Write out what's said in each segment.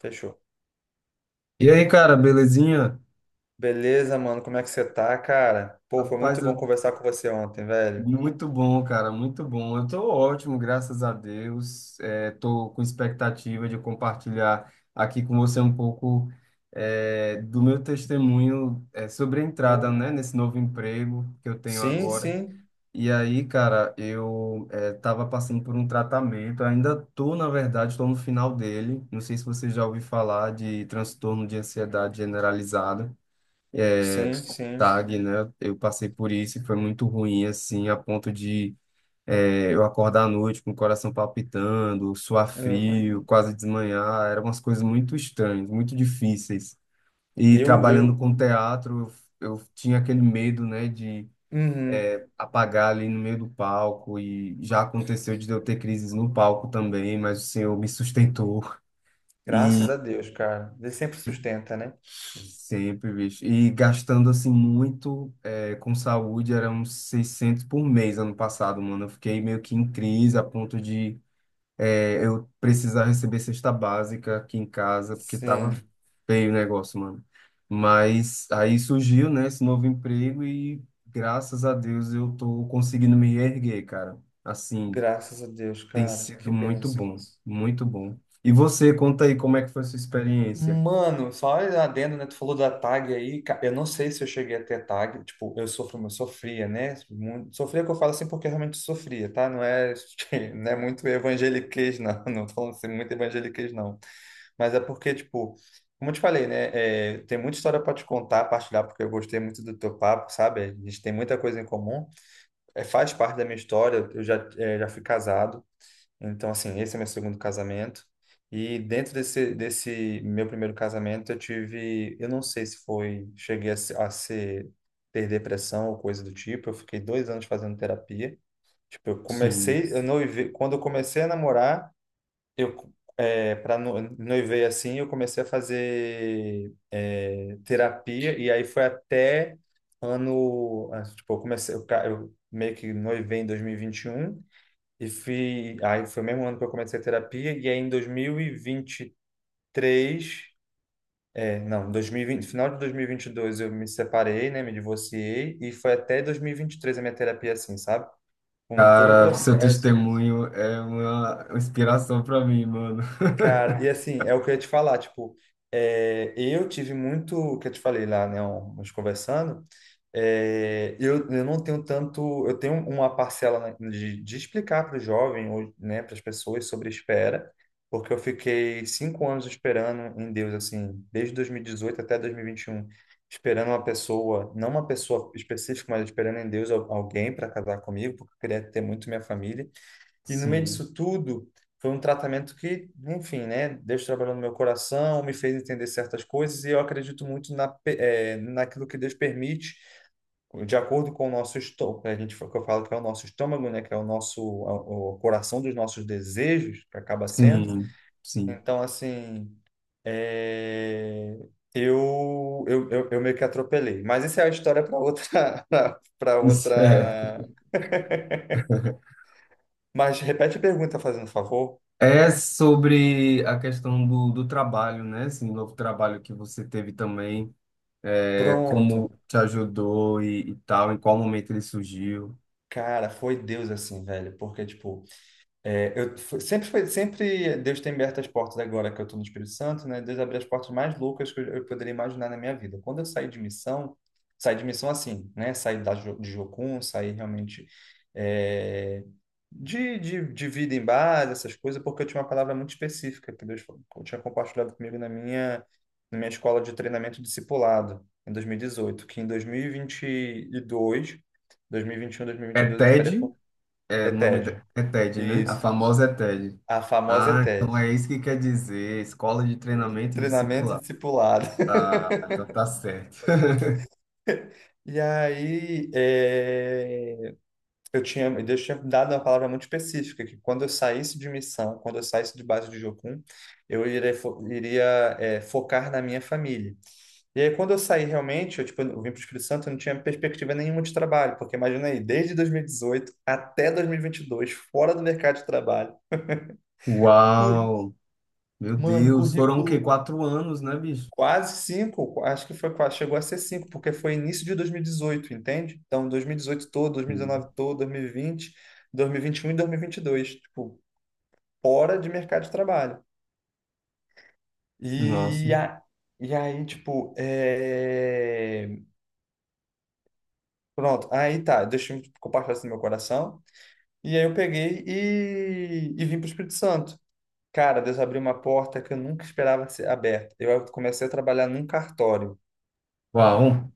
Fechou. E aí, cara, belezinha? Beleza, mano, como é que você tá, cara? Pô, foi muito Rapaz, bom conversar com você ontem, velho. muito bom, cara, muito bom. Eu tô ótimo, graças a Deus. Tô com expectativa de compartilhar aqui com você um pouco do meu testemunho, sobre a entrada, Oh, né, nesse novo emprego que eu tenho sim, agora. sim, E aí, cara, eu tava passando por um tratamento, ainda tô, na verdade, tô no final dele. Não sei se você já ouviu falar de transtorno de ansiedade generalizada. sim, sim. Tarde, né? Eu passei por isso e foi muito ruim, assim, a ponto de eu acordar à noite com o coração palpitando, suar Eu, frio, quase desmanhar. Eram umas coisas muito estranhas, muito difíceis. E eu, trabalhando eu- com teatro, eu tinha aquele medo, né, de uhum. Apagar ali no meio do palco. E já aconteceu de eu ter crises no palco também, mas o Senhor me sustentou. Graças E a Deus, cara. Ele sempre sustenta, né? sempre, bicho. E gastando assim muito, com saúde, eram 600 por mês ano passado, mano. Eu fiquei meio que em crise a ponto de eu precisar receber cesta básica aqui em casa, porque tava Sim, feio o negócio, mano. Mas aí surgiu, né, esse novo emprego e graças a Deus eu tô conseguindo me erguer, cara. Assim, graças a Deus, tem cara. Que sido muito bênção. bom, muito bom. E você, conta aí como é que foi a sua experiência? Mano, só adendo, né? Tu falou da tag aí, cara. Eu não sei se eu cheguei a ter tag. Tipo, eu sofria, né? Sofria que eu falo assim porque eu realmente sofria, tá? Não é muito evangeliquez, não. Não tô falando assim, muito evangeliquez, não. Mas é porque, tipo, como eu te falei, né? É, tem muita história pra te contar, partilhar, porque eu gostei muito do teu papo, sabe? A gente tem muita coisa em comum. É, faz parte da minha história. Eu já fui casado. Então, assim, esse é meu segundo casamento. E dentro desse meu primeiro casamento, eu tive, eu não sei se foi, cheguei a, a ser, ter depressão ou coisa do tipo. Eu fiquei 2 anos fazendo terapia. Tipo, eu comecei, eu noivei, quando eu comecei a namorar, eu, para noivei assim, eu comecei a fazer, terapia. E aí foi até ano, tipo, eu comecei, eu, eu meio que noivei em dois mil e vinte e um e fui, aí foi o mesmo ano que eu comecei a terapia, e aí em 2023 não, 2020, final de dois mil e vinte e dois eu me separei, né, me divorciei, e foi até dois mil e vinte e três a minha terapia assim, sabe? Com todo o Cara, seu processo. testemunho é uma inspiração pra mim, mano. Cara, e assim, é o que eu ia te falar, tipo, é, eu tive muito, o que eu te falei lá, né, nós conversando, é, eu não tenho tanto, eu tenho uma parcela, né, de explicar para o jovem, ou, né, para as pessoas sobre espera, porque eu fiquei 5 anos esperando em Deus, assim, desde 2018 até 2021, esperando uma pessoa, não uma pessoa específica, mas esperando em Deus alguém para casar comigo, porque eu queria ter muito minha família. E no meio Sim, disso tudo, foi um tratamento que, enfim, né? Deus trabalhou no meu coração, me fez entender certas coisas, e eu acredito muito naquilo que Deus permite, de acordo com o nosso estômago. Né, a gente, que eu falo que é o nosso estômago, né? Que é o nosso, o coração dos nossos desejos, que acaba sendo. sim, sim. Então, assim, é, eu meio que atropelei. Mas essa é a história para outra, para É, outra. Mas repete a pergunta, fazendo favor. é sobre a questão do, do trabalho, né? Esse novo trabalho que você teve também, é, como Pronto. te ajudou e tal, em qual momento ele surgiu. Cara, foi Deus assim, velho, porque, tipo, é, eu fui- sempre foi, sempre Deus tem aberto as portas agora que eu estou no Espírito Santo, né? Deus abriu as portas mais loucas que eu poderia imaginar na minha vida. Quando eu saí de missão assim, né? Saí de Jocum, saí realmente é, de vida em base, essas coisas, porque eu tinha uma palavra muito específica que Deus tinha compartilhado comigo na minha escola de treinamento discipulado em 2018, que em 2022, 2021, É 2022 eu estaria TED? É, é o nome TED. é TED, né? A Isso. famosa é TED. A famosa Ah, Ted, então é isso que quer dizer, Escola de Treinamento treinamento e Discipular. discipulado. Ah, então tá certo. E aí, Deus tinha dado uma palavra muito específica, que quando eu saísse de missão, quando eu saísse de base de Jocum, eu iria focar na minha família. E aí, quando eu saí realmente, eu, tipo, eu vim para o Espírito Santo, eu não tinha perspectiva nenhuma de trabalho, porque imagina aí, desde 2018 até 2022, fora do mercado de trabalho, curr- Uau! Meu mano, Deus, foram o quê? currículo. Quatro anos, né, bicho? Quase cinco, acho que foi, chegou a ser cinco, porque foi início de 2018, entende? Então, 2018 todo, Sim. 2019 todo, dois mil e vinte, vinte dois, dois mil e vinte e um, e dois mil e vinte e um, dois, tipo, fora de mercado de trabalho. Nossa. E, a, e aí, tipo, pronto, aí tá, deixa eu compartilhar isso no meu coração. E aí eu peguei e vim para o Espírito Santo. Cara, Deus abriu uma porta que eu nunca esperava ser aberta. Eu comecei a trabalhar num cartório. Uau!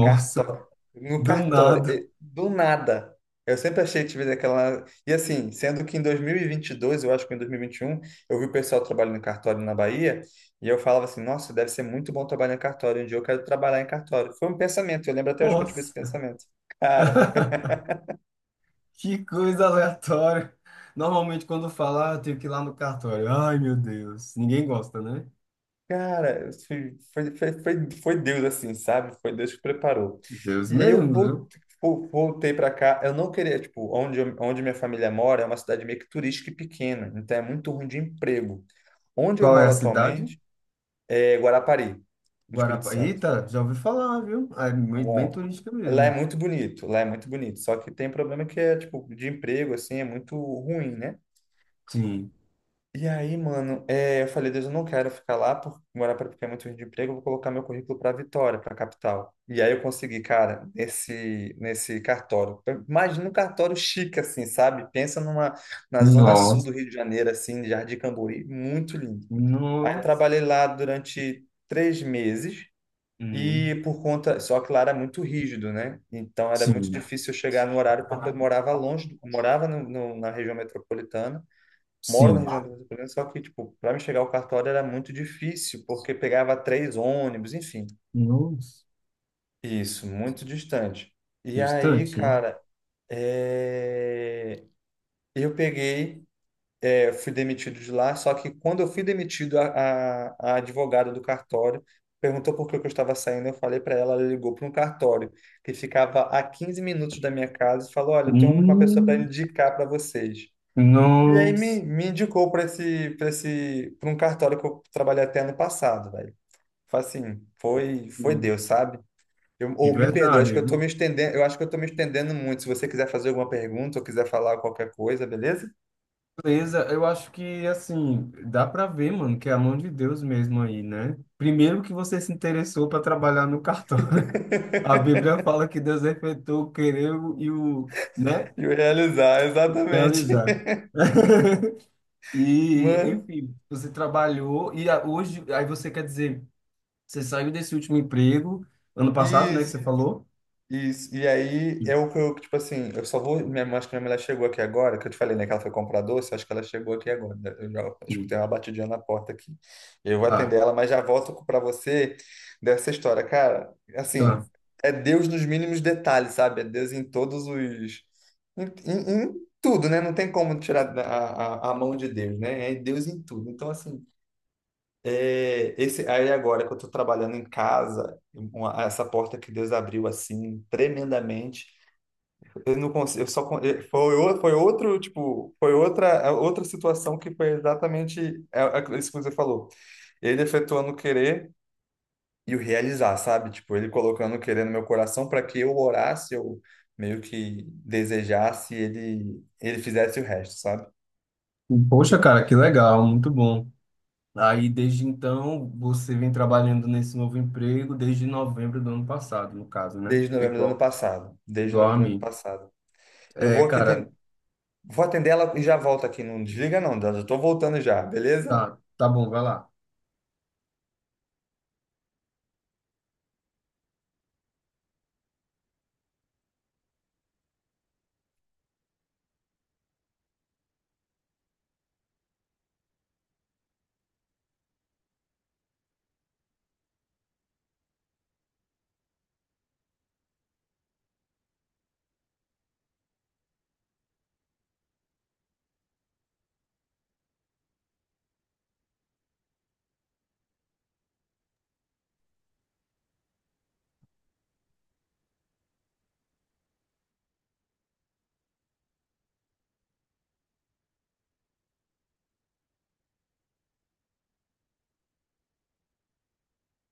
Cartório. No do cartório. nada. Do nada. Eu sempre achei, tive aquela. E assim, sendo que em 2022, eu acho que em 2021, eu vi o pessoal trabalhando em cartório na Bahia, e eu falava assim: nossa, deve ser muito bom trabalhar em cartório. Um dia eu quero trabalhar em cartório. Foi um pensamento, eu lembro até hoje que eu tive esse Nossa. pensamento. Cara. Que coisa aleatória. Normalmente quando fala, ah, eu tenho que ir lá no cartório. Ai, meu Deus. Ninguém gosta, né? Cara, foi Deus assim, sabe? Foi Deus que preparou. Deus E aí eu mesmo, viu? Voltei para cá. Eu não queria, tipo, onde minha família mora é uma cidade meio que turística e pequena, então é muito ruim de emprego. Onde eu Qual é a moro cidade? atualmente é Guarapari, no Espírito Guarapá. Santo. Eita, já ouvi falar, viu? Ah, é bem, bem Bom, turística mesmo. lá é muito bonito, lá é muito bonito, só que tem um problema que é, tipo, de emprego, assim, é muito ruim, né? Sim. E aí, mano, é, eu falei: Deus, eu não quero ficar lá, por, morar para porque é muito ruim de emprego, eu vou colocar meu currículo para Vitória, para capital. E aí eu consegui, cara, nesse cartório. Imagina um cartório chique, assim, sabe? Pensa na zona sul Nossa. do Rio de Janeiro, assim, de Jardim Camburi, muito lindo. Aí Nossa. trabalhei lá durante 3 meses Hum. Só que lá era muito rígido, né? Então era muito Sim. difícil eu chegar no horário porque eu morava longe, morava na região metropolitana, moro na Sim. região do metropolitano, só que, tipo, para me chegar ao cartório era muito difícil, porque pegava 3 ônibus, enfim. Nossa. Isso, muito distante. E aí, Distante. cara, é, eu peguei, fui demitido de lá, só que quando eu fui demitido, a advogada do cartório perguntou por que que eu estava saindo. Eu falei para ela, ela ligou para um cartório que ficava a 15 minutos da minha casa e falou: Olha, eu tenho uma pessoa para Hum, indicar para vocês. E aí nossa, me indicou para esse, para um cartório que eu trabalhei até ano passado, velho. Foi assim, de foi Deus, sabe? Ou me perdoa, acho que verdade. eu tô me estendendo, eu acho que eu tô me estendendo muito. Se você quiser fazer alguma pergunta ou quiser falar qualquer coisa, beleza? Beleza, eu acho que assim, dá pra ver, mano, que é a mão de Deus mesmo aí, né? Primeiro que você se interessou para trabalhar no cartório. A Bíblia fala que Deus efetuou o querer e o, né, E eu realizar, exatamente. realizar. E, Mano, enfim, você trabalhou hoje, aí você quer dizer, você saiu desse último emprego ano passado, né, que você isso. falou? Isso. E aí é o que eu, tipo assim, eu só vou. Acho que minha mulher chegou aqui agora, que eu te falei, né, que ela foi comprar doce, acho que ela chegou aqui agora. Né? Eu já Sim. escutei uma batidinha na porta aqui. Eu vou atender Tá, ela, mas já volto para você dessa história. Cara, tá. assim, é Deus nos mínimos detalhes, sabe? É Deus em todos os. Em tudo, né? Não tem como tirar a mão de Deus, né? É Deus em tudo. Então, assim, aí agora que eu estou trabalhando em casa, essa porta que Deus abriu assim tremendamente, eu não consigo, eu só con- eh, foi, o- foi outro tipo, foi outra, outra situação que foi exatamente é isso que você falou. Ele efetuando o querer e o realizar, sabe? Tipo, ele colocando o querer no meu coração para que eu orasse, eu meio que desejasse, ele fizesse o resto, sabe? Poxa, cara, que legal, muito bom. Aí, desde então, você vem trabalhando nesse novo emprego desde novembro do ano passado, no caso, né? Desde novembro do ano Igual, passado, desde igual a novembro do ano mim. passado. Eu É, vou aqui cara, Vou atender ela e já volto aqui. Não desliga, não, Dani. Eu tô voltando já, beleza? tá, tá bom, vai lá.